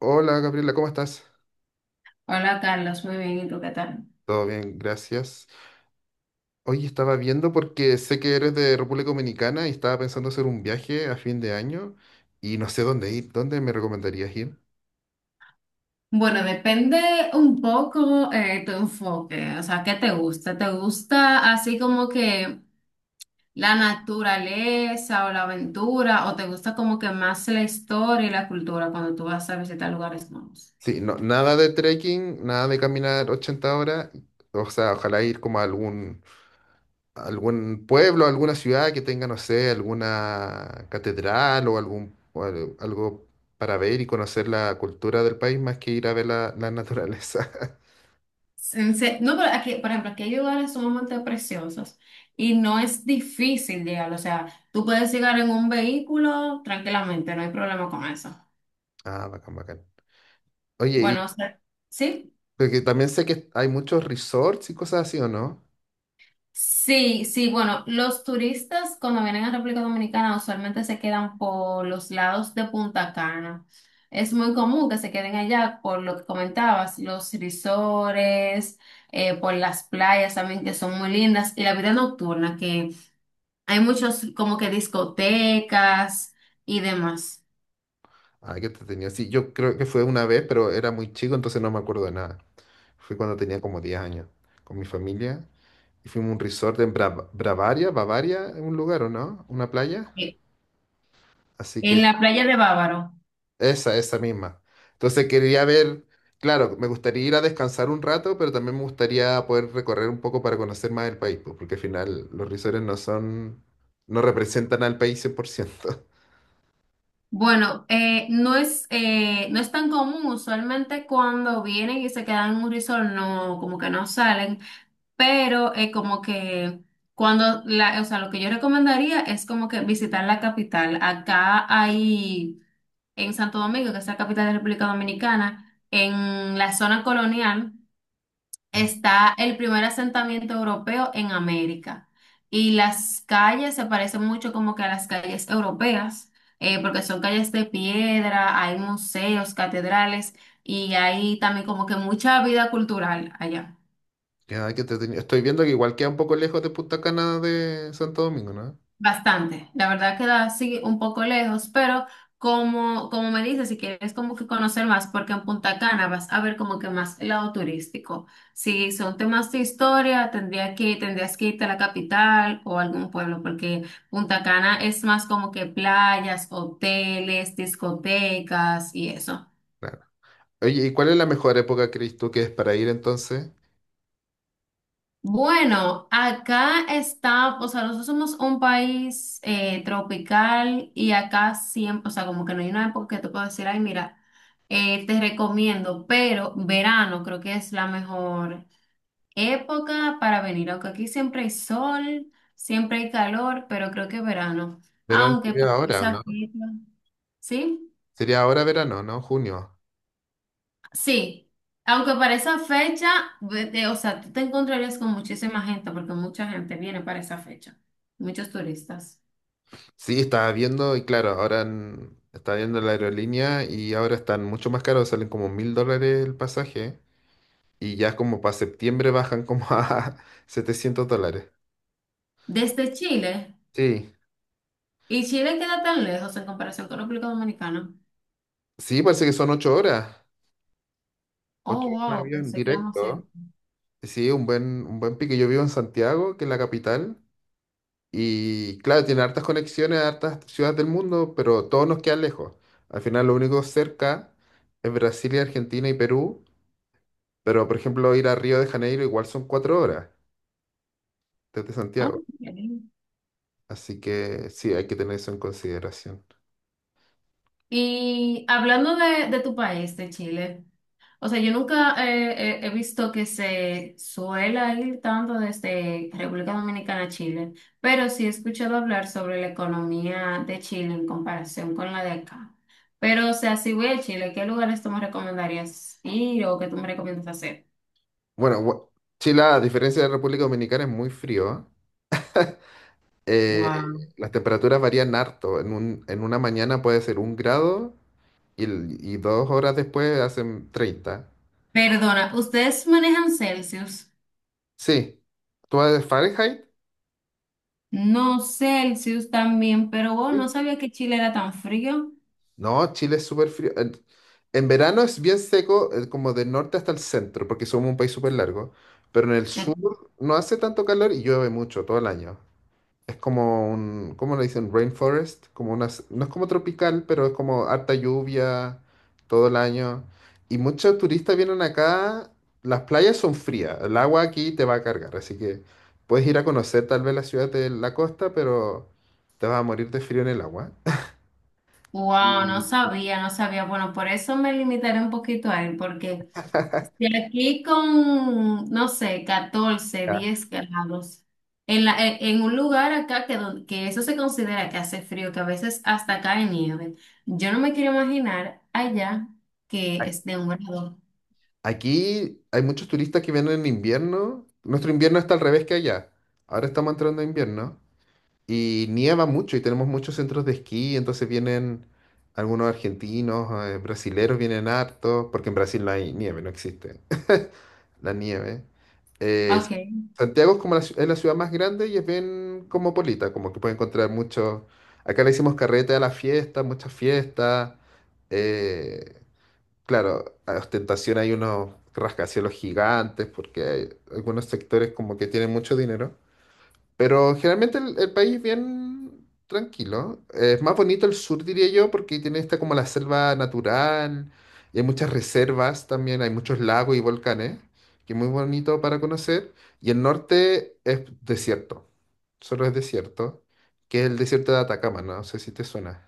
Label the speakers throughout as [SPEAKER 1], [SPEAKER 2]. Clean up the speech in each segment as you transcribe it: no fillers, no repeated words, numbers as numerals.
[SPEAKER 1] Hola Gabriela, ¿cómo estás?
[SPEAKER 2] Hola Carlos, muy bien, ¿y tú qué tal?
[SPEAKER 1] Todo bien, gracias. Hoy estaba viendo porque sé que eres de República Dominicana y estaba pensando hacer un viaje a fin de año y no sé dónde ir. ¿Dónde me recomendarías ir?
[SPEAKER 2] Bueno, depende un poco tu enfoque, o sea, ¿qué te gusta? ¿Te gusta así como que la naturaleza o la aventura o te gusta como que más la historia y la cultura cuando tú vas a visitar lugares nuevos?
[SPEAKER 1] Sí, no, nada de trekking, nada de caminar 80 horas. O sea, ojalá ir como a algún pueblo, alguna ciudad que tenga, no sé, alguna catedral o algo para ver y conocer la cultura del país más que ir a ver la naturaleza.
[SPEAKER 2] No, pero aquí, por ejemplo, aquí hay lugares sumamente preciosos y no es difícil llegar, o sea, tú puedes llegar en un vehículo tranquilamente, no hay problema con eso.
[SPEAKER 1] Ah, bacán, bacán.
[SPEAKER 2] Bueno,
[SPEAKER 1] Oye.
[SPEAKER 2] o sea, ¿sí?
[SPEAKER 1] Porque también sé que hay muchos resorts y cosas así, ¿o no?
[SPEAKER 2] Sí, sí, bueno, los turistas cuando vienen a República Dominicana usualmente se quedan por los lados de Punta Cana. Es muy común que se queden allá por lo que comentabas, los risores, por las playas también que son muy lindas y la vida nocturna, que hay muchos como que discotecas y demás.
[SPEAKER 1] Ah, qué entretenido. Sí, yo creo que fue una vez, pero era muy chico, entonces no me acuerdo de nada. Fue cuando tenía como 10 años, con mi familia. Y fuimos a un resort en Bavaria, Bavaria, en un lugar, ¿o no? Una playa.
[SPEAKER 2] Eh,
[SPEAKER 1] Así que
[SPEAKER 2] En la playa de Bávaro.
[SPEAKER 1] esa misma. Entonces quería ver, claro, me gustaría ir a descansar un rato, pero también me gustaría poder recorrer un poco para conocer más el país, pues, porque al final los resorts no son, no representan al país 100%.
[SPEAKER 2] Bueno, no es, no es tan común, usualmente cuando vienen y se quedan en un resort, no, como que no salen, pero como que o sea, lo que yo recomendaría es como que visitar la capital. Acá hay, en Santo Domingo, que es la capital de la República Dominicana, en la zona colonial está el primer asentamiento europeo en América. Y las calles se parecen mucho como que a las calles europeas, porque son calles de piedra, hay museos, catedrales y hay también como que mucha vida cultural allá.
[SPEAKER 1] Ya, qué entretenido. Estoy viendo que igual queda un poco lejos de Punta Cana de Santo Domingo, ¿no?
[SPEAKER 2] Bastante, la verdad queda así un poco lejos, pero como me dices, si quieres como que conocer más, porque en Punta Cana vas a ver como que más el lado turístico. Si son temas de historia, tendrías que irte a la capital o a algún pueblo, porque Punta Cana es más como que playas, hoteles, discotecas y eso.
[SPEAKER 1] Claro. Oye, ¿y cuál es la mejor época, crees tú, que es para ir entonces?
[SPEAKER 2] Bueno, acá está, o sea, nosotros somos un país tropical y acá siempre, o sea, como que no hay una época que te puedo decir, ay, mira. Te recomiendo, pero verano creo que es la mejor época para venir, aunque aquí siempre hay sol, siempre hay calor, pero creo que verano,
[SPEAKER 1] Verano
[SPEAKER 2] aunque
[SPEAKER 1] sería
[SPEAKER 2] para
[SPEAKER 1] ahora, ¿o
[SPEAKER 2] esa
[SPEAKER 1] ¿no?
[SPEAKER 2] fecha, ¿sí?
[SPEAKER 1] Sería ahora verano, ¿no? Junio.
[SPEAKER 2] Sí, aunque para esa fecha, o sea, tú te encontrarías con muchísima gente, porque mucha gente viene para esa fecha, muchos turistas.
[SPEAKER 1] Sí, estaba viendo, y claro, ahora estaba viendo la aerolínea y ahora están mucho más caros, salen como $1,000 el pasaje y ya como para septiembre bajan como a $700.
[SPEAKER 2] Desde Chile,
[SPEAKER 1] Sí,
[SPEAKER 2] y Chile queda tan lejos en comparación con República Dominicana.
[SPEAKER 1] sí, parece que son 8 horas. Ocho
[SPEAKER 2] Oh,
[SPEAKER 1] horas en
[SPEAKER 2] wow,
[SPEAKER 1] avión
[SPEAKER 2] pensé que íbamos a
[SPEAKER 1] directo. Sí, un buen pique. Yo vivo en Santiago, que es la capital, y claro, tiene hartas conexiones a hartas ciudades del mundo, pero todos nos quedan lejos. Al final, lo único cerca es Brasil y Argentina y Perú, pero por ejemplo, ir a Río de Janeiro igual son 4 horas desde Santiago.
[SPEAKER 2] ser...
[SPEAKER 1] Así que sí, hay que tener eso en consideración.
[SPEAKER 2] Y hablando de tu país, de Chile, o sea, yo nunca he visto que se suela ir tanto desde República Dominicana a Chile, pero sí he escuchado hablar sobre la economía de Chile en comparación con la de acá. Pero, o sea, si voy a Chile, ¿qué lugares tú me recomendarías ir o qué tú me recomiendas hacer?
[SPEAKER 1] Bueno, Chile, a diferencia de la República Dominicana, es muy frío, ¿eh? Eh,
[SPEAKER 2] Wow.
[SPEAKER 1] las temperaturas varían harto. En una mañana puede ser un grado. Y 2 horas después hacen 30.
[SPEAKER 2] Perdona, ¿ustedes manejan Celsius?
[SPEAKER 1] Sí. ¿Tú vas de Fahrenheit?
[SPEAKER 2] No, Celsius también, pero wow, no
[SPEAKER 1] Sí.
[SPEAKER 2] sabía que Chile era tan frío.
[SPEAKER 1] No, Chile es súper frío. En verano es bien seco, como del norte hasta el centro, porque somos un país súper largo. Pero en el sur no hace tanto calor y llueve mucho todo el año. Es como un, ¿cómo le dicen? Rainforest, como unas, no es como tropical, pero es como harta lluvia todo el año. Y muchos turistas vienen acá, las playas son frías, el agua aquí te va a cargar, así que puedes ir a conocer tal vez la ciudad de la costa, pero te vas a morir de frío en el agua.
[SPEAKER 2] Wow, no
[SPEAKER 1] Y,
[SPEAKER 2] sabía, no sabía. Bueno, por eso me limitaré un poquito a él, porque de aquí con, no sé, 14
[SPEAKER 1] ya,
[SPEAKER 2] 10 grados, en en un lugar acá que, que eso se considera que hace frío, que a veces hasta cae nieve, yo no me quiero imaginar allá
[SPEAKER 1] a-
[SPEAKER 2] que es de un grado.
[SPEAKER 1] aquí hay muchos turistas que vienen en invierno, nuestro invierno está al revés que allá, ahora estamos entrando a invierno. Y nieva mucho y tenemos muchos centros de esquí, entonces vienen algunos argentinos, brasileros vienen hartos, porque en Brasil no hay nieve, no existe la nieve. Eh,
[SPEAKER 2] Ok.
[SPEAKER 1] Santiago es la ciudad más grande y es bien cosmopolita, como que puede encontrar muchos. Acá le hicimos carrete a la fiesta, muchas fiestas. eh, claro, a ostentación hay unos rascacielos gigantes, porque hay algunos sectores como que tienen mucho dinero. Pero generalmente el país es bien tranquilo. Es más bonito el sur, diría yo, porque tiene esta como la selva natural. Y hay muchas reservas también, hay muchos lagos y volcanes, que es muy bonito para conocer. Y el norte es desierto, solo es desierto, que es el desierto de Atacama. No sé si te suena.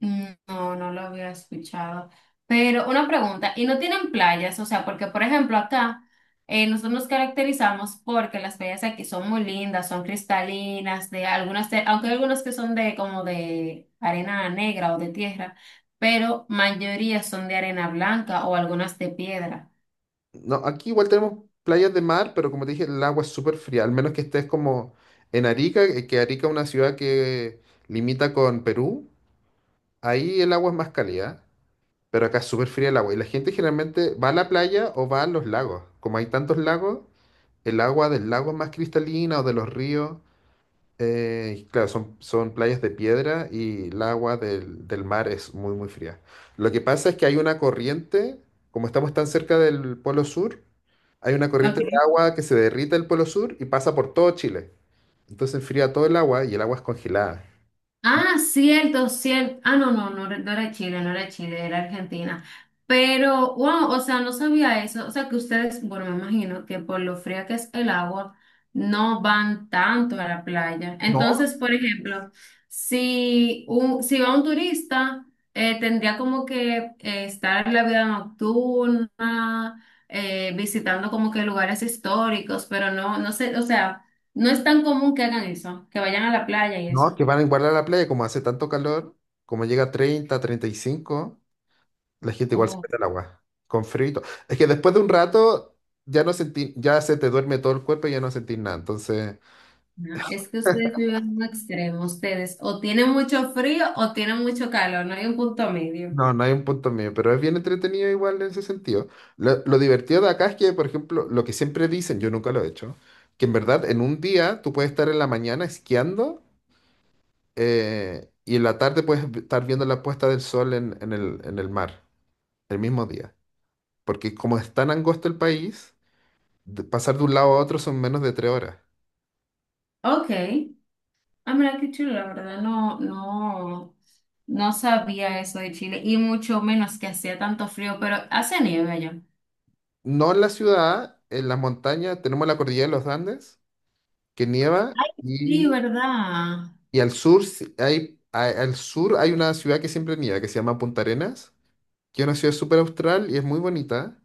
[SPEAKER 2] Mm, no, no lo había escuchado. Pero una pregunta, ¿y no tienen playas? O sea, porque por ejemplo acá nosotros nos caracterizamos porque las playas aquí son muy lindas, son cristalinas, de algunas, de- aunque hay algunas que son de como de arena negra o de tierra, pero mayoría son de arena blanca o algunas de piedra.
[SPEAKER 1] No, aquí igual tenemos playas de mar, pero como te dije, el agua es súper fría, al menos que estés como en Arica, que Arica es una ciudad que limita con Perú, ahí el agua es más cálida. Pero acá es súper fría el agua. Y la gente generalmente va a la playa o va a los lagos. Como hay tantos lagos, el agua del lago es más cristalina o de los ríos. Y claro, son playas de piedra y el agua del mar es muy, muy fría. Lo que pasa es que hay una corriente, como estamos tan cerca del Polo Sur, hay una corriente de
[SPEAKER 2] Ok.
[SPEAKER 1] agua que se derrite el Polo Sur y pasa por todo Chile. Entonces enfría todo el agua y el agua es congelada.
[SPEAKER 2] Ah, cierto, cierto. Ah, no, no, no, no era Chile, no era Chile, era Argentina. Pero, wow, o sea, no sabía eso. O sea, que ustedes, bueno, me imagino que por lo fría que es el agua, no van tanto a la playa.
[SPEAKER 1] No,
[SPEAKER 2] Entonces, por ejemplo, si va un turista, tendría como que estar en la vida nocturna, visitando como que lugares históricos, pero no, no sé, o sea, no es tan común que hagan eso, que vayan a la playa y
[SPEAKER 1] no,
[SPEAKER 2] eso.
[SPEAKER 1] que van a igualar a la playa, como hace tanto calor, como llega a 30, 35. La gente igual se
[SPEAKER 2] Oh.
[SPEAKER 1] mete al agua, con frío y todo. Es que después de un rato ya no sentí, ya se te duerme todo el cuerpo y ya no sentís nada. Entonces,
[SPEAKER 2] No, es que ustedes viven en un extremo, ustedes o tienen mucho frío o tienen mucho calor, no hay un punto medio.
[SPEAKER 1] no, no hay un punto medio, pero es bien entretenido igual en ese sentido. Lo divertido de acá es que, por ejemplo, lo que siempre dicen, yo nunca lo he hecho, que en verdad en un día tú puedes estar en la mañana esquiando, y en la tarde puedes estar viendo la puesta del sol en el mar, el mismo día. Porque como es tan angosto el país, pasar de un lado a otro son menos de 3 horas.
[SPEAKER 2] Ok, ah, mira qué chulo, la verdad, no, no, no sabía eso de Chile y mucho menos que hacía tanto frío, pero hace nieve allá.
[SPEAKER 1] No en la ciudad, en las montañas tenemos la cordillera de los Andes, que nieva,
[SPEAKER 2] Ay, sí,
[SPEAKER 1] y,
[SPEAKER 2] ¿verdad?
[SPEAKER 1] y al sur hay una ciudad que siempre nieva, que se llama Punta Arenas, que es una ciudad súper austral y es muy bonita.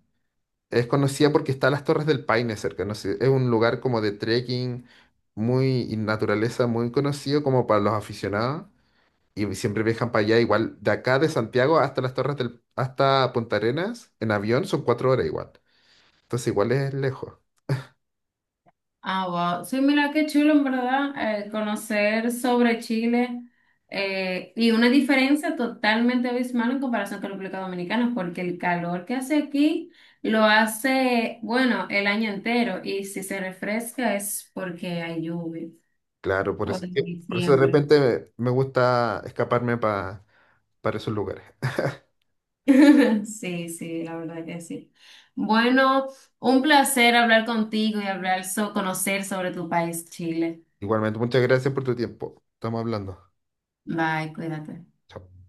[SPEAKER 1] Es conocida porque está las Torres del Paine cerca, no sé, es un lugar como de trekking, muy y naturaleza, muy conocido como para los aficionados, y siempre viajan para allá, igual de acá de Santiago hasta las Torres del, hasta Punta Arenas, en avión son 4 horas igual, entonces igual es lejos.
[SPEAKER 2] Ah, wow. Sí, mira qué chulo, en verdad, conocer sobre Chile y una diferencia totalmente abismal en comparación con República Dominicana, porque el calor que hace aquí lo hace, bueno, el año entero y si se refresca es porque hay lluvia
[SPEAKER 1] Claro, por
[SPEAKER 2] o
[SPEAKER 1] eso,
[SPEAKER 2] en
[SPEAKER 1] por eso de
[SPEAKER 2] diciembre.
[SPEAKER 1] repente me gusta escaparme para esos lugares.
[SPEAKER 2] Sí, sí, la verdad que sí. Bueno, un placer hablar contigo y hablar, conocer sobre tu país, Chile.
[SPEAKER 1] Igualmente, muchas gracias por tu tiempo. Estamos hablando.
[SPEAKER 2] Bye, cuídate.
[SPEAKER 1] Chao.